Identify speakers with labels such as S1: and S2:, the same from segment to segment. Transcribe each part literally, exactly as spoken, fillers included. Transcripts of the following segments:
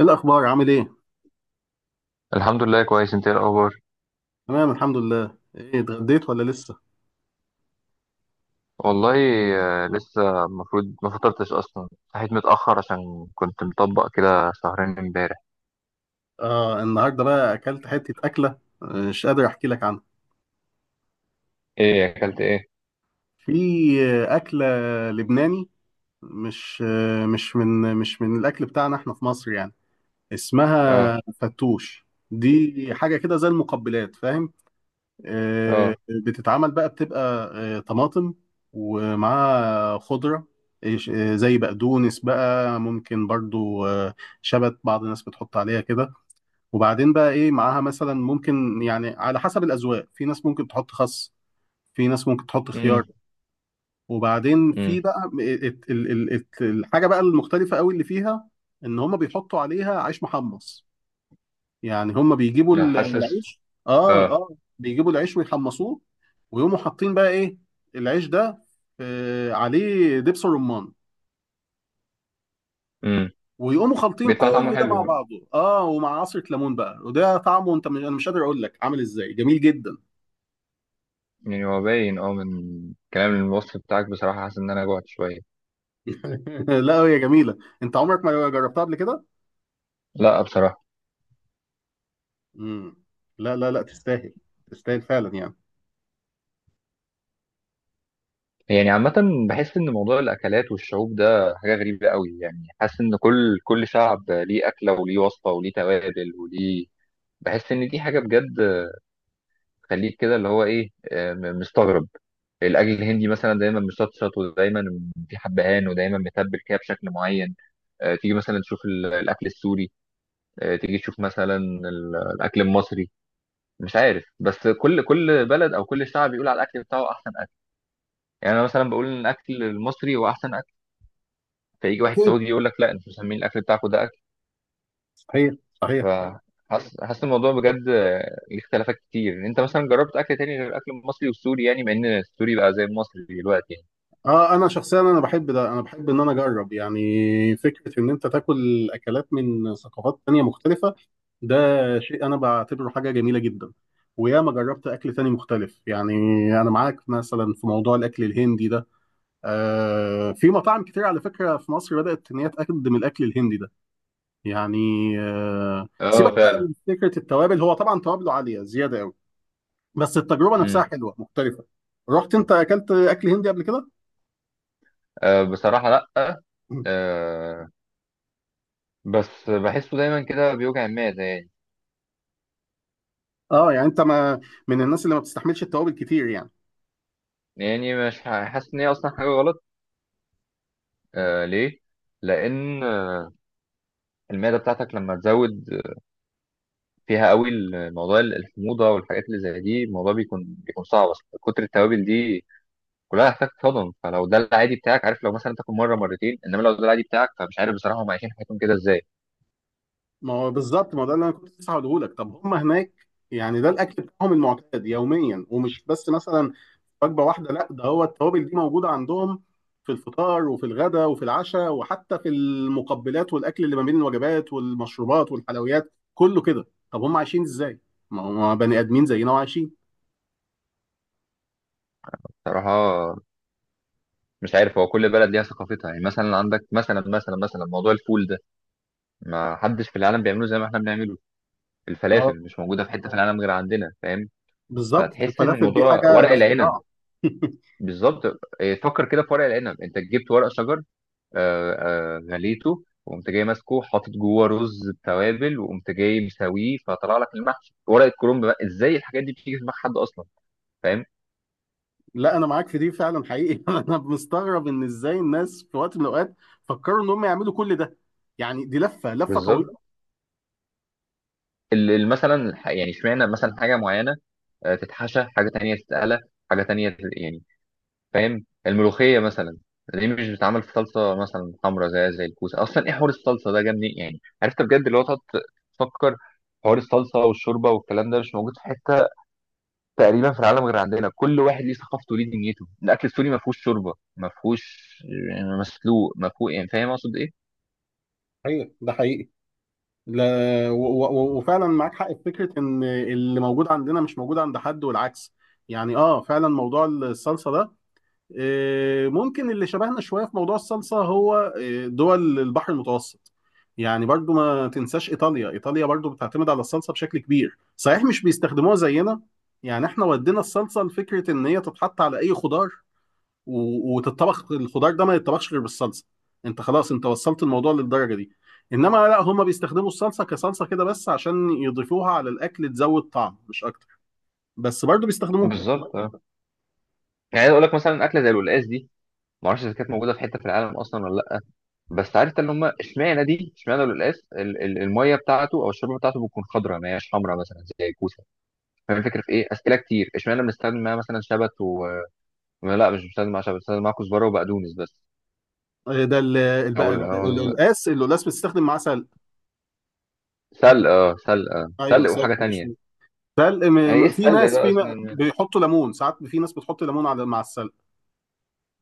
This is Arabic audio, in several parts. S1: ايه الاخبار، عامل ايه؟
S2: الحمد لله، كويس. انت ايه الاخبار؟
S1: تمام الحمد لله. ايه، اتغديت ولا لسه؟
S2: والله. آه، لسه المفروض ما فطرتش اصلا. صحيت متاخر عشان كنت مطبق كده شهرين امبارح.
S1: اه، النهارده بقى اكلت حته اكله، آه، مش قادر احكي لك عنها.
S2: ايه اكلت ايه؟
S1: في آه، اكله لبناني، مش آه، مش من مش من الاكل بتاعنا احنا في مصر يعني.
S2: اه.
S1: اسمها فتوش، دي حاجه كده زي المقبلات، فاهم؟ آه،
S2: اه.
S1: بتتعمل بقى، بتبقى آه، طماطم، ومعاها خضره، إيش- آه، زي بقدونس بقى ممكن برضو، آه، شبت. بعض الناس بتحط عليها كده. وبعدين بقى ايه معاها؟ مثلا ممكن يعني على حسب الاذواق، في ناس ممكن تحط خس، في ناس ممكن تحط
S2: امم.
S1: خيار. وبعدين في
S2: امم.
S1: بقى م- إيه، ات- ال- ال- ات- الحاجه بقى المختلفه قوي اللي فيها، ان هم بيحطوا عليها عيش محمص. يعني هم بيجيبوا
S2: لا،
S1: ال-
S2: حاسس.
S1: العيش، اه،
S2: اه.
S1: اه، بيجيبوا العيش ويحمصوه، ويقوموا حاطين بقى ايه؟ العيش ده آه عليه دبس الرمان.
S2: امم.
S1: ويقوموا خلطين
S2: بيطلع طعمه
S1: كل ده مع
S2: حلو؟
S1: بعضه اه ومع عصرة ليمون بقى، وده طعمه، انت م- انا مش قادر اقول لك عامل ازاي، جميل جدا.
S2: يعني هو باين اه من كلام الوصف بتاعك. بصراحه حاسس ان انا جوعت شويه.
S1: لا، هي جميلة. انت عمرك ما جربتها قبل كده؟
S2: لا بصراحه.
S1: مم. لا، لا، لا، تستاهل. تستاهل فعلا يعني.
S2: يعني عامة، بحس إن موضوع الأكلات والشعوب ده حاجة غريبة قوي. يعني حاسس إن كل كل شعب ليه أكلة وليه وصفة وليه توابل وليه. بحس ان دي حاجه بجد تخليك كده اللي هو ايه، آه، م- مستغرب. الاكل الهندي مثلا دايما مشطشط ودايما في حبهان ودايما متبل كده بشكل معين. آه، تيجي مثلا تشوف ال- الاكل السوري. آه، تيجي تشوف مثلا ال- الاكل المصري. مش عارف، بس كل كل بلد او كل شعب بيقول على الاكل بتاعه احسن اكل. يعني انا مثلا بقول ان الاكل المصري هو احسن اكل، فيجي واحد
S1: أكيد.
S2: سعودي يقول لك لا، انتوا مسمين الاكل بتاعكم ده اكل؟
S1: صحيح. صحيح.
S2: فحاسس، حاسس حاسس الموضوع بجد آه، ليه اختلافات كتير. انت مثلا جربت اكل تاني غير الاكل المصري والسوري؟ يعني مع ان السوري بقى زي المصري دلوقتي.
S1: اه، انا شخصيا انا بحب ده، انا بحب ان انا اجرب يعني، فكرة ان انت تاكل اكلات من ثقافات تانية مختلفة، ده شيء انا بعتبره حاجة جميلة جدا. وياما جربت اكل تاني مختلف يعني. انا معاك مثلا في موضوع الاكل الهندي ده. آه في مطاعم كتير على فكرة، في مصر بدأت ان هي تقدم الاكل الهندي ده، يعني. آه، سيبك
S2: اه
S1: بقى
S2: فعلا.
S1: من فكره التوابل، هو طبعا توابله عاليه زياده قوي. بس التجربه نفسها
S2: امم.
S1: حلوه مختلفه. رحت انت اكلت اكل هندي قبل كده؟
S2: آه، بصراحة لأ. آه. بس بحسه دايما كده بيوجع المعدة يعني.
S1: اه، يعني انت، ما من الناس اللي ما بتستحملش التوابل كتير يعني.
S2: يعني مش ح- حاسس إن هي أصلا حاجة غلط. آه، ليه؟ لأن المعدة بتاعتك لما تزود فيها قوي الموضوع ال- الحموضة والحاجات اللي زي دي، الموضوع بيكون، بيكون صعب أصلا. كتر التوابل دي كلها هتحتاج تهضم، فلو ده العادي بتاعك، عارف، لو مثلا تاكل مرة مرتين، إنما لو ده العادي بتاعك فمش عارف بصراحة هم عايشين حياتهم كده إزاي.
S1: ما هو بالظبط، ما هو ده اللي انا كنت لسه هقوله لك، طب هم هناك، يعني ده الاكل بتاعهم المعتاد يوميا، ومش بس مثلا وجبه واحده. لا، ده هو التوابل دي موجوده عندهم في الفطار وفي الغداء وفي العشاء، وحتى في المقبلات والاكل اللي ما بين الوجبات والمشروبات والحلويات كله كده. طب هم عايشين ازاي؟ ما هم بني ادمين زينا وعايشين.
S2: بصراحة مش عارف، هو كل بلد ليها ثقافتها. يعني مثلا عندك مثلا مثلا مثلا موضوع الفول ده ما حدش في العالم بيعمله زي ما احنا بنعمله.
S1: اه،
S2: الفلافل مش موجوده في حته في العالم غير عندنا، فاهم؟
S1: بالظبط، ده
S2: فتحس ان
S1: الفلافل دي
S2: الموضوع
S1: حاجه،
S2: ورق
S1: ده
S2: العنب،
S1: اختراع.
S2: بالظبط. إيه، فكر كده في ورق العنب. انت جبت ورق شجر، آه، آه، غليته، وقمت جاي ماسكه، حاطط جوه رز بتوابل، وقمت جاي مسويه، فطلع لك المحشي ورقه كرنب. بقى ازاي الحاجات دي بتيجي في دماغ حد اصلا، فاهم؟
S1: لا، انا معاك في دي فعلا، حقيقي. انا مستغرب ان ازاي الناس في وقت من الاوقات فكروا ان هم يعملوا كل ده، يعني دي لفه لفه
S2: بالظبط.
S1: طويله.
S2: ال- ال- مثلا الح- يعني اشمعنى مثلا حاجه معينه آه، تتحشى حاجه تانية، تتقلى حاجه تانية يعني، فاهم؟ الملوخيه مثلا، ليه مش بتتعمل في صلصه مثلا حمرا زي زي الكوسه اصلا؟ ايه حوار الصلصه ده جاب منين؟ يعني، يعني عرفت بجد اللي هو تقعد تفكر. حوار الصلصه والشوربه والكلام ده مش موجود في حته تقريبا في العالم غير عندنا. كل واحد ليه ثقافته وليه دنيته. الاكل السوري ما فيهوش شوربه، ما فيهوش يعني مسلوق، ما فيهوش، يعني فاهم اقصد ايه؟
S1: ايوه، ده حقيقي. لا، و- و- وفعلا معاك حق في فكره ان اللي موجود عندنا مش موجود عند حد، والعكس. يعني اه، فعلا موضوع الصلصه ده، آه، ممكن اللي شبهنا شويه في موضوع الصلصه هو، آه، دول البحر المتوسط. يعني برضو ما تنساش ايطاليا. ايطاليا برضو بتعتمد على الصلصه بشكل كبير، صحيح مش بيستخدموها زينا. يعني احنا ودينا الصلصه لفكره ان هي تتحط على اي خضار، و- وتتطبخ الخضار ده، ما يتطبخش غير بالصلصه. انت خلاص، انت وصلت الموضوع للدرجه دي. انما لا، هم بيستخدموا الصلصه كصلصه كده بس، عشان يضيفوها على الاكل تزود طعم مش اكتر. بس برضو بيستخدموها.
S2: بالظبط اه. يعني عايز اقول لك مثلا اكله زي القلقاس دي، ما اعرفش اذا كانت موجوده في حته في العالم اصلا ولا لا. بس عرفت ان هم اشمعنى دي، اشمعنى القلقاس ال- ال- الميه بتاعته او الشوربه بتاعته بتكون خضراء، ما هياش حمراء مثلا زي الكوسه. فاهم الفكره في ايه؟ اسئله كتير. اشمعنى بنستخدم معاها مثلا شبت و... لا، مش بنستخدم معاها شبت، بنستخدم معاها كزبره وبقدونس بس.
S1: آه، ده ال- ال-
S2: او
S1: بقى ال-
S2: أو
S1: ال-
S2: أو-
S1: القلقاس القلقاس بتستخدم معاه سلق.
S2: سلق. اه سلق. آه.
S1: ايوه،
S2: سلق
S1: سلق،
S2: وحاجه
S1: مش
S2: تانية.
S1: سلق.
S2: يعني
S1: م-
S2: ايه
S1: م- في
S2: السلق
S1: ناس، في
S2: ده اصلا
S1: ن-
S2: يعني؟
S1: بيحطوا ليمون ساعات، في ناس بتحط ليمون على مع السلق.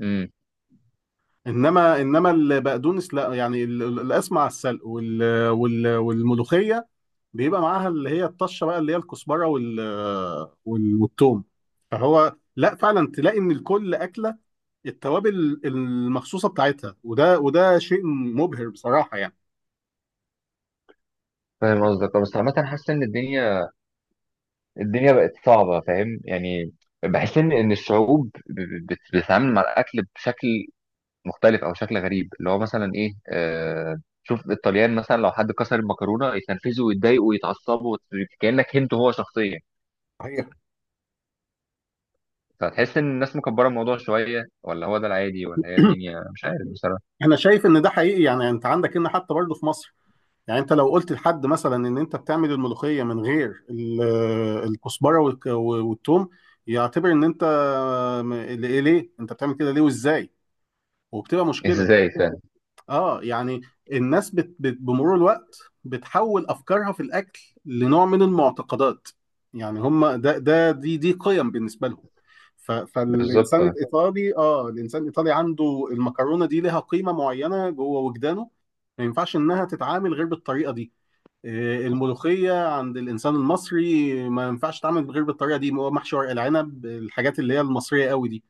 S2: امم.
S1: انما، انما البقدونس لا، يعني ال- القلقاس مع السلق وال- وال- والملوخيه بيبقى معاها اللي هي الطشه بقى، اللي هي الكزبره وال وال- والثوم. فهو لا، فعلا تلاقي ان الكل اكله، التوابل المخصوصه بتاعتها، وده وده شيء مبهر بصراحه يعني.
S2: فاهم قصدك. بس عامه حاسس ان الدنيا، الدنيا بقت صعبه، فاهم يعني. بحس ان ان الشعوب ب- ب- بت- بتتعامل مع الاكل بشكل مختلف او شكل غريب. اللي هو مثلا ايه، آه شوف الطليان مثلا، لو حد كسر المكرونه يتنرفزوا ويتضايقوا ويتعصبوا كانك هنت هو شخصيا.
S1: صحيح.
S2: فتحس ان الناس مكبره الموضوع شويه، ولا هو ده العادي، ولا هي الدنيا، مش عارف بصراحه.
S1: انا شايف ان ده حقيقي، يعني انت عندك هنا حتى برضه في مصر. يعني انت لو قلت لحد مثلا ان انت بتعمل الملوخيه من غير ال- الكزبره والك- والثوم، يعتبر ان انت، م- ليه ليه انت بتعمل كده، ليه وازاي؟ وبتبقى مشكله.
S2: ازاي فعلا.
S1: اه، يعني الناس بت... بت... بمرور الوقت بتحول افكارها في الاكل لنوع من المعتقدات. يعني هم، ده ده دي دي قيم بالنسبه لهم. ف...
S2: بالظبط.
S1: فالانسان الايطالي اه الانسان الايطالي عنده المكرونه دي لها قيمه معينه جوه وجدانه. ما ينفعش انها تتعامل غير بالطريقه دي. آه، الملوخيه عند الانسان المصري ما ينفعش تتعامل غير بالطريقه دي، هو محشي ورق العنب، الحاجات اللي هي المصريه قوي دي،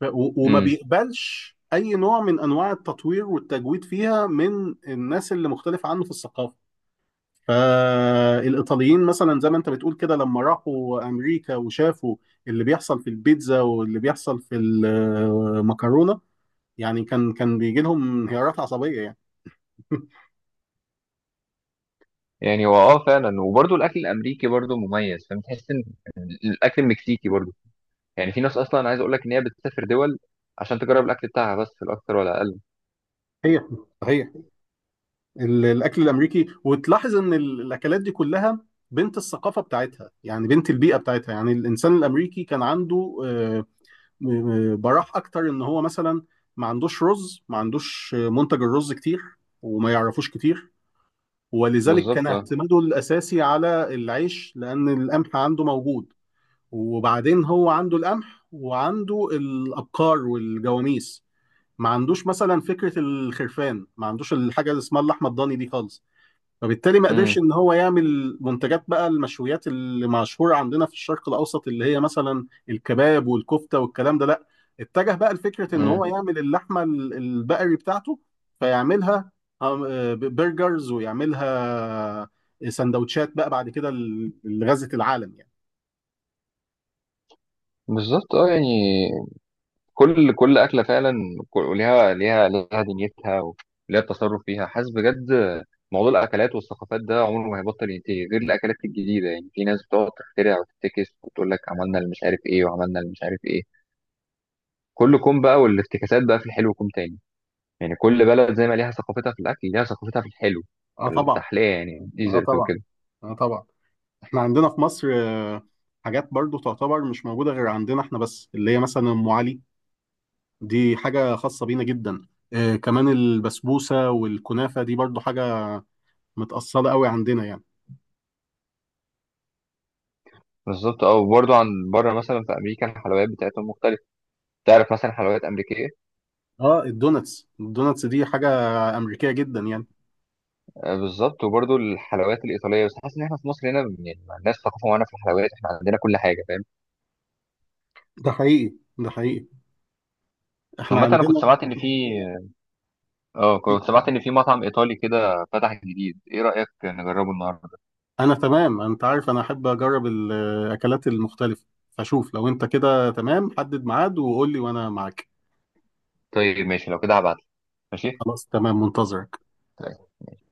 S1: ف- و- وما
S2: امم.
S1: بيقبلش اي نوع من انواع التطوير والتجويد فيها من الناس اللي مختلفه عنه في الثقافه. فالايطاليين مثلا زي ما انت بتقول كده، لما راحوا امريكا وشافوا اللي بيحصل في البيتزا واللي بيحصل في المكرونه، يعني كان كان بيجي لهم انهيارات عصبيه يعني.
S2: يعني هو اه فعلا. وبرضه الاكل الامريكي برضه مميز، فاهم؟ تحس ان الاكل المكسيكي برضه، يعني في ناس اصلا، عايز اقول لك ان هي بتسافر دول عشان تجرب الاكل بتاعها بس في الاكتر ولا اقل.
S1: صحيح. صحيح. ال- الاكل الامريكي، وتلاحظ ان ال- الاكلات دي كلها بنت الثقافه بتاعتها، يعني بنت البيئه بتاعتها. يعني الانسان الامريكي كان عنده، آه، م- براح اكتر ان هو مثلا ما عندوش رز، ما عندوش منتج الرز كتير، وما يعرفوش كتير. ولذلك كان
S2: بالظبط اه.
S1: اعتماده الاساسي على العيش، لان القمح عنده موجود. وبعدين هو عنده القمح، وعنده الابقار والجواميس. ما عندوش مثلا فكرة الخرفان، ما عندوش الحاجة اللي اسمها اللحمة الضاني دي خالص. فبالتالي ما قدرش
S2: امم.
S1: ان هو يعمل منتجات بقى المشويات اللي مشهوره عندنا في الشرق الاوسط، اللي هي مثلا الكباب والكفته والكلام ده، لا. اتجه بقى لفكره ان هو
S2: أمم.
S1: يعمل اللحمه ال- البقري بتاعته، فيعملها آم، آه، ب- برجرز ويعملها سندوتشات بقى بعد كده، ل- لغزة العالم يعني.
S2: بالظبط اه. يعني كل كل أكلة فعلا، كل- ليها، ليها ليها دنيتها، وليها التصرف فيها. حاسس بجد موضوع الأكلات والثقافات ده عمره ما هيبطل ينتهي غير الأكلات الجديدة. يعني في ناس بتقعد تخترع وتفتكس وتقول لك عملنا اللي مش عارف إيه، وعملنا اللي مش عارف إيه. كل كوم بقى، والافتكاسات بقى في الحلو كوم تاني. يعني كل بلد زي ما ليها ثقافتها في الأكل، ليها ثقافتها في الحلو،
S1: اه،
S2: في
S1: طبعا.
S2: التحلية، يعني
S1: اه،
S2: ديزرت
S1: طبعا.
S2: وكده.
S1: اه، طبعا. احنا عندنا في مصر، آه، حاجات برضو تعتبر مش موجوده غير عندنا احنا بس، اللي هي مثلا ام علي، دي حاجة خاصة بينا جدا. آه كمان البسبوسة والكنافة دي برضو حاجة متأصلة قوي عندنا يعني.
S2: بالظبط اه. وبرضه عن بره مثلا في أمريكا الحلويات بتاعتهم مختلفة. تعرف مثلا حلويات أمريكية؟
S1: اه، الدوناتس الدوناتس دي حاجة أمريكية جدا يعني.
S2: آه، بالظبط. وبرضه الحلويات الايطاليه. بس حاسس ان احنا في مصر هنا يعني ما عندناش ثقافه معانا في الحلويات، احنا عندنا كل حاجه، فاهم؟
S1: ده حقيقي، ده حقيقي. احنا
S2: عامه انا كنت
S1: عندنا.
S2: سمعت ان في... اه آه، كنت سمعت ان في مطعم ايطالي كده فتح جديد. ايه رايك نجربه النهارده؟
S1: أنا تمام، أنت عارف أنا أحب أجرب الأكلات المختلفة. فشوف، لو أنت كده تمام، حدد ميعاد وقول لي وأنا معاك.
S2: طيب ماشي، لو كده هبعت. ماشي.
S1: خلاص، تمام، منتظرك.
S2: طيب.